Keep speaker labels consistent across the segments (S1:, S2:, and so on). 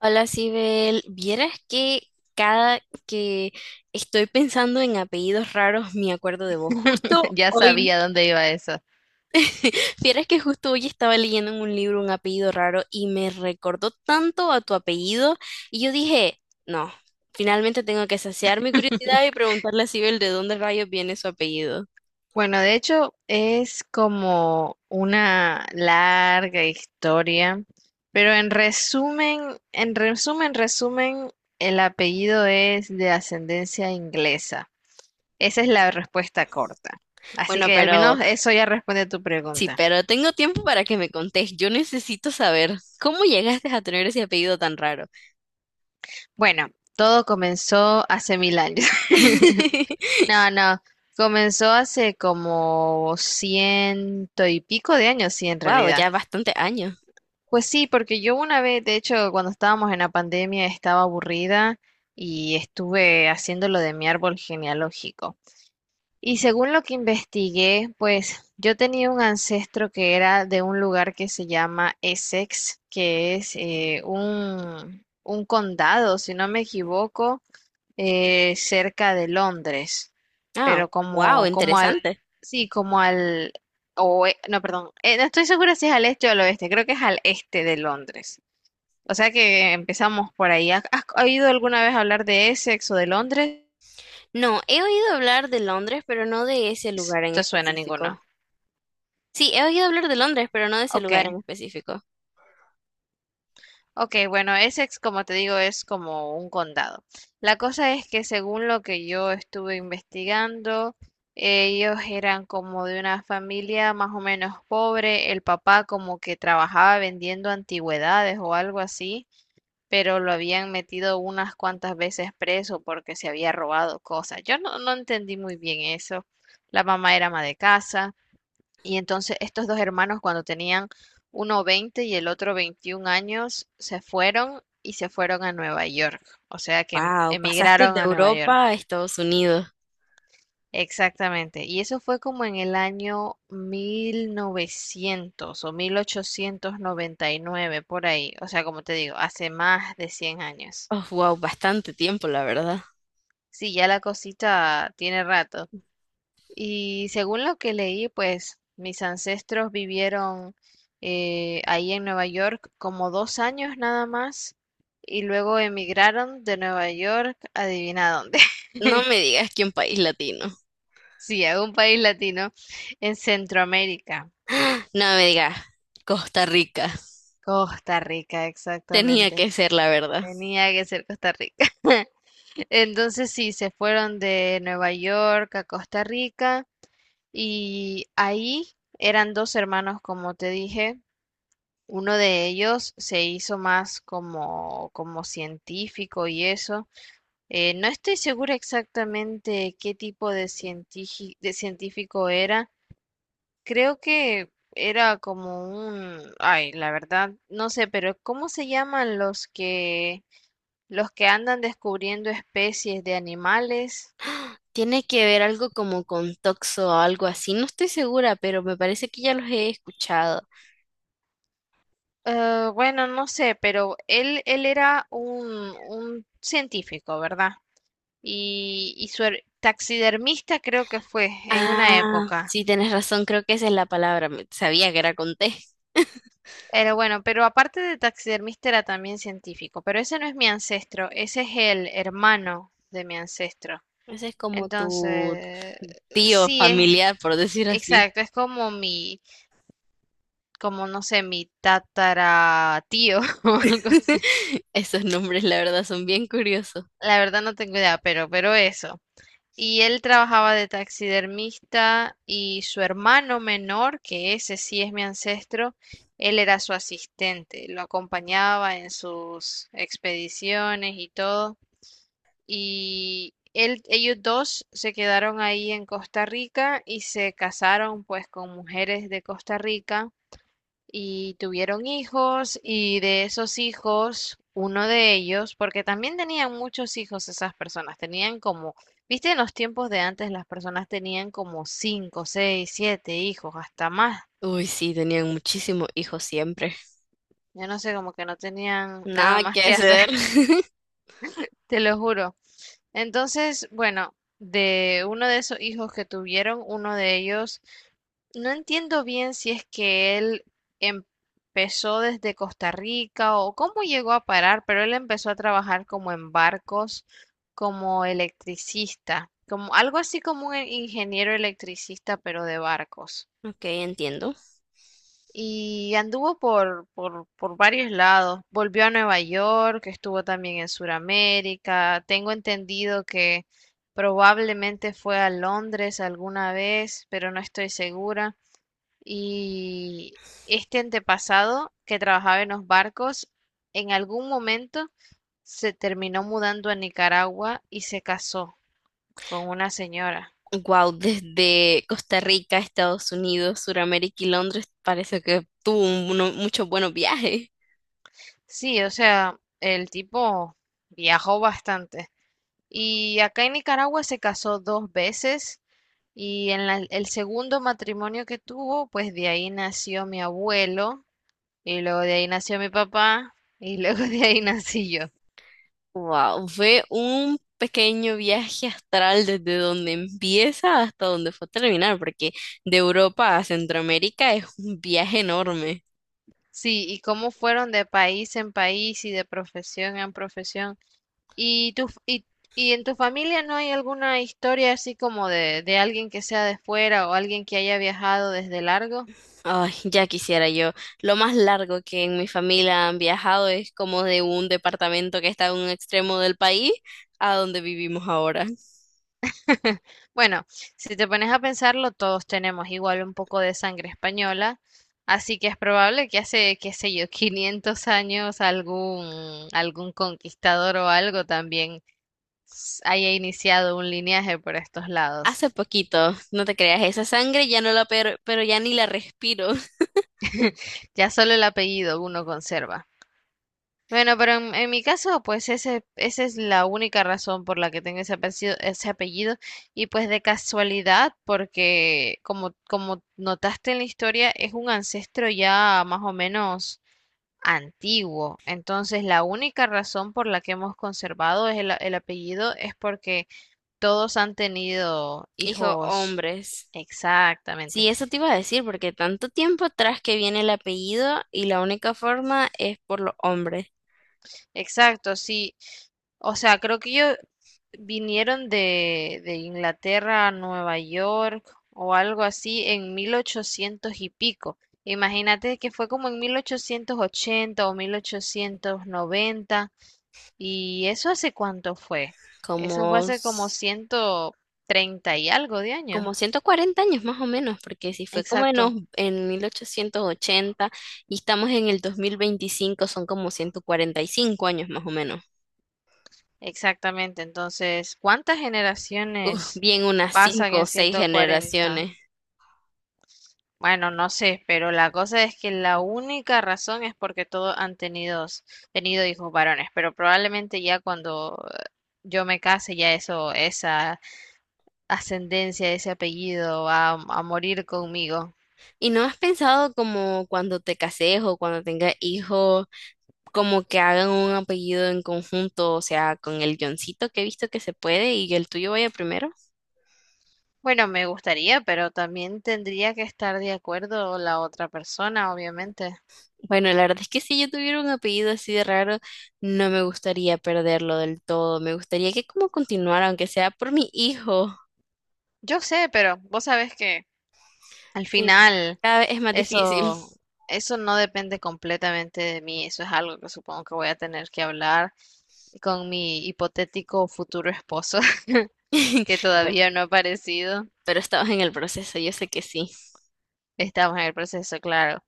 S1: Hola, Sibel. Vieras que cada que estoy pensando en apellidos raros me acuerdo de vos. Justo
S2: Ya
S1: hoy,
S2: sabía dónde iba eso.
S1: vieras que justo hoy estaba leyendo en un libro un apellido raro y me recordó tanto a tu apellido y yo dije, no, finalmente tengo que saciar mi curiosidad y preguntarle a Sibel de dónde rayos viene su apellido.
S2: Bueno, de hecho es como una larga historia, pero en resumen, el apellido es de ascendencia inglesa. Esa es la respuesta corta. Así
S1: Bueno,
S2: que al
S1: pero
S2: menos eso ya responde a tu
S1: sí,
S2: pregunta.
S1: pero tengo tiempo para que me contés. Yo necesito saber cómo llegaste a tener ese apellido tan raro.
S2: Bueno, todo comenzó hace mil años. No, no, comenzó hace como ciento y pico de años, sí, en
S1: Wow,
S2: realidad.
S1: ya bastante años.
S2: Pues sí, porque yo una vez, de hecho, cuando estábamos en la pandemia, estaba aburrida y estuve haciendo lo de mi árbol genealógico. Y según lo que investigué, pues yo tenía un ancestro que era de un lugar que se llama Essex, que es un condado, si no me equivoco, cerca de Londres,
S1: Ah,
S2: pero
S1: wow, interesante.
S2: sí, o, no, perdón, no estoy segura si es al este o al oeste, creo que es al este de Londres. O sea que empezamos por ahí. ¿Has oído alguna vez hablar de Essex o de Londres?
S1: No, he oído hablar de Londres, pero no de ese lugar
S2: No
S1: en
S2: te suena
S1: específico.
S2: ninguno.
S1: Sí, he oído hablar de Londres, pero no de ese
S2: Ok.
S1: lugar en específico.
S2: Ok, bueno, Essex, como te digo, es como un condado. La cosa es que según lo que yo estuve investigando, ellos eran como de una familia más o menos pobre. El papá como que trabajaba vendiendo antigüedades o algo así, pero lo habían metido unas cuantas veces preso porque se había robado cosas. Yo no entendí muy bien eso. La mamá era ama de casa. Y entonces estos dos hermanos cuando tenían uno 20 y el otro 21 años se fueron a Nueva York. O sea que
S1: Wow, pasaste
S2: emigraron
S1: de
S2: a Nueva York.
S1: Europa a Estados Unidos.
S2: Exactamente. Y eso fue como en el año 1900 o 1899 por ahí. O sea, como te digo, hace más de 100 años.
S1: Oh, wow, bastante tiempo, la verdad.
S2: Sí, ya la cosita tiene rato. Y según lo que leí, pues mis ancestros vivieron ahí en Nueva York como 2 años nada más y luego emigraron de Nueva York, adivina dónde.
S1: No me digas que un país latino.
S2: Sí, a un país latino en Centroamérica.
S1: No me digas, Costa Rica.
S2: Costa Rica,
S1: Tenía
S2: exactamente.
S1: que ser la verdad.
S2: Tenía que ser Costa Rica. Entonces sí, se fueron de Nueva York a Costa Rica y ahí eran dos hermanos, como te dije, uno de ellos se hizo más como científico y eso. No estoy segura exactamente qué tipo de científico era. Creo que era como un... Ay, la verdad, no sé, pero ¿cómo se llaman los que andan descubriendo especies de animales?
S1: Tiene que ver algo como con Toxo o algo así. No estoy segura, pero me parece que ya los he escuchado.
S2: Bueno, no sé, pero él era un científico, ¿verdad? y, su taxidermista creo que fue en una
S1: Ah,
S2: época.
S1: sí, tienes razón, creo que esa es la palabra. Sabía que era con T.
S2: Pero bueno, pero aparte de taxidermista era también científico, pero ese no es mi ancestro, ese es el hermano de mi ancestro.
S1: Ese es como tu
S2: Entonces,
S1: tío
S2: sí es,
S1: familiar, por decir así.
S2: exacto, es como mi, como no sé, mi tataratío o algo así.
S1: Esos nombres, la verdad, son bien curiosos.
S2: La verdad no tengo idea, pero eso. Y él trabajaba de taxidermista y su hermano menor, que ese sí es mi ancestro, él era su asistente, lo acompañaba en sus expediciones y todo. Y ellos dos se quedaron ahí en Costa Rica y se casaron pues con mujeres de Costa Rica y tuvieron hijos y de esos hijos, uno de ellos, porque también tenían muchos hijos esas personas, tenían como, viste, en los tiempos de antes las personas tenían como cinco, seis, siete hijos, hasta más.
S1: Uy, sí, tenían muchísimos hijos siempre.
S2: Yo no sé, como que no tenían nada
S1: Nada
S2: más
S1: que
S2: que hacer.
S1: hacer.
S2: Te lo juro. Entonces, bueno, de uno de esos hijos que tuvieron, uno de ellos, no entiendo bien si es que él empezó desde Costa Rica o cómo llegó a parar, pero él empezó a trabajar como en barcos, como electricista, como algo así como un ingeniero electricista, pero de barcos.
S1: Ok, entiendo.
S2: Y anduvo por varios lados. Volvió a Nueva York, estuvo también en Sudamérica. Tengo entendido que probablemente fue a Londres alguna vez, pero no estoy segura. Y este antepasado que trabajaba en los barcos, en algún momento se terminó mudando a Nicaragua y se casó con una señora.
S1: Wow, desde Costa Rica, Estados Unidos, Suramérica y Londres, parece que tuvo muchos buenos viajes.
S2: Sí, o sea, el tipo viajó bastante. Y acá en Nicaragua se casó dos veces y en el segundo matrimonio que tuvo, pues de ahí nació mi abuelo y luego de ahí nació mi papá y luego de ahí nací yo.
S1: Wow, fue un pequeño viaje astral desde donde empieza hasta donde fue a terminar, porque de Europa a Centroamérica es un viaje enorme.
S2: Sí, y cómo fueron de país en país y de profesión en profesión. ¿Y tu, y en tu familia no hay alguna historia así como de alguien que sea de fuera o alguien que haya viajado desde largo?
S1: Ay, ya quisiera yo. Lo más largo que en mi familia han viajado es como de un departamento que está en un extremo del país a donde vivimos ahora.
S2: Bueno, si te pones a pensarlo, todos tenemos igual un poco de sangre española, así que es probable que hace, qué sé yo, 500 años algún conquistador o algo también haya iniciado un linaje por estos lados.
S1: Hace poquito, no te creas, esa sangre ya no pero ya ni la respiro.
S2: Ya solo el apellido uno conserva. Bueno, pero en mi caso, pues esa es la única razón por la que tengo ese apellido, ese apellido. Y pues de casualidad, porque como notaste en la historia, es un ancestro ya más o menos antiguo. Entonces, la única razón por la que hemos conservado es el apellido es porque todos han tenido
S1: Hijo,
S2: hijos.
S1: hombres.
S2: Exactamente.
S1: Sí, eso te iba a decir, porque tanto tiempo atrás que viene el apellido y la única forma es por los hombres,
S2: Exacto, sí. O sea, creo que ellos vinieron de Inglaterra a Nueva York o algo así en 1800 y pico. Imagínate que fue como en 1880 o 1890. ¿Y eso hace cuánto fue? Eso fue
S1: como,
S2: hace como
S1: s-
S2: ciento treinta y algo de años.
S1: como 140 años más o menos, porque si fue como
S2: Exacto,
S1: en 1880 y estamos en el 2025, son como 145 años más o menos.
S2: exactamente. Entonces, ¿cuántas
S1: Uf,
S2: generaciones
S1: bien unas
S2: pasan
S1: cinco o
S2: en
S1: seis
S2: 140?
S1: generaciones.
S2: Bueno, no sé, pero la cosa es que la única razón es porque todos han tenido hijos varones, pero probablemente ya cuando yo me case, ya eso, esa ascendencia, ese apellido va a morir conmigo.
S1: ¿Y no has pensado como cuando te cases o cuando tengas hijos, como que hagan un apellido en conjunto? O sea, con el guioncito que he visto que se puede y el tuyo vaya primero.
S2: Bueno, me gustaría, pero también tendría que estar de acuerdo la otra persona, obviamente.
S1: Bueno, la verdad es que si yo tuviera un apellido así de raro, no me gustaría perderlo del todo. Me gustaría que como continuara, aunque sea por mi hijo.
S2: Yo sé, pero vos sabés que al
S1: Sí,
S2: final,
S1: cada vez es más difícil.
S2: eso, eso no depende completamente de mí, eso es algo que supongo que voy a tener que hablar con mi hipotético futuro esposo, que
S1: Bueno,
S2: todavía no ha aparecido.
S1: pero estamos en el proceso, yo sé que sí.
S2: Estamos en el proceso, claro.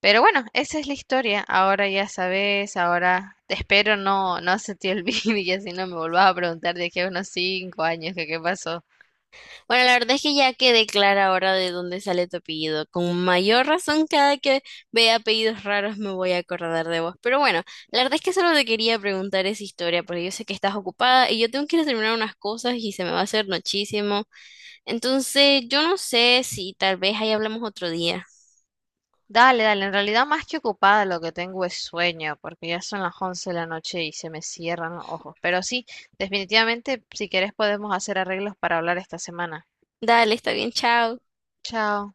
S2: Pero bueno, esa es la historia. Ahora ya sabes, ahora espero no se te olvide y así no me volvas a preguntar de aquí a unos 5 años que qué pasó.
S1: Bueno, la verdad es que ya quedé clara ahora de dónde sale tu apellido. Con mayor razón, cada que vea apellidos raros me voy a acordar de vos. Pero bueno, la verdad es que solo te quería preguntar esa historia, porque yo sé que estás ocupada y yo tengo que ir a terminar unas cosas y se me va a hacer muchísimo. Entonces, yo no sé si tal vez ahí hablamos otro día.
S2: Dale, dale, en realidad más que ocupada lo que tengo es sueño, porque ya son las 11 de la noche y se me cierran los ojos. Pero sí, definitivamente, si querés podemos hacer arreglos para hablar esta semana.
S1: Dale, está bien, chao.
S2: Chao.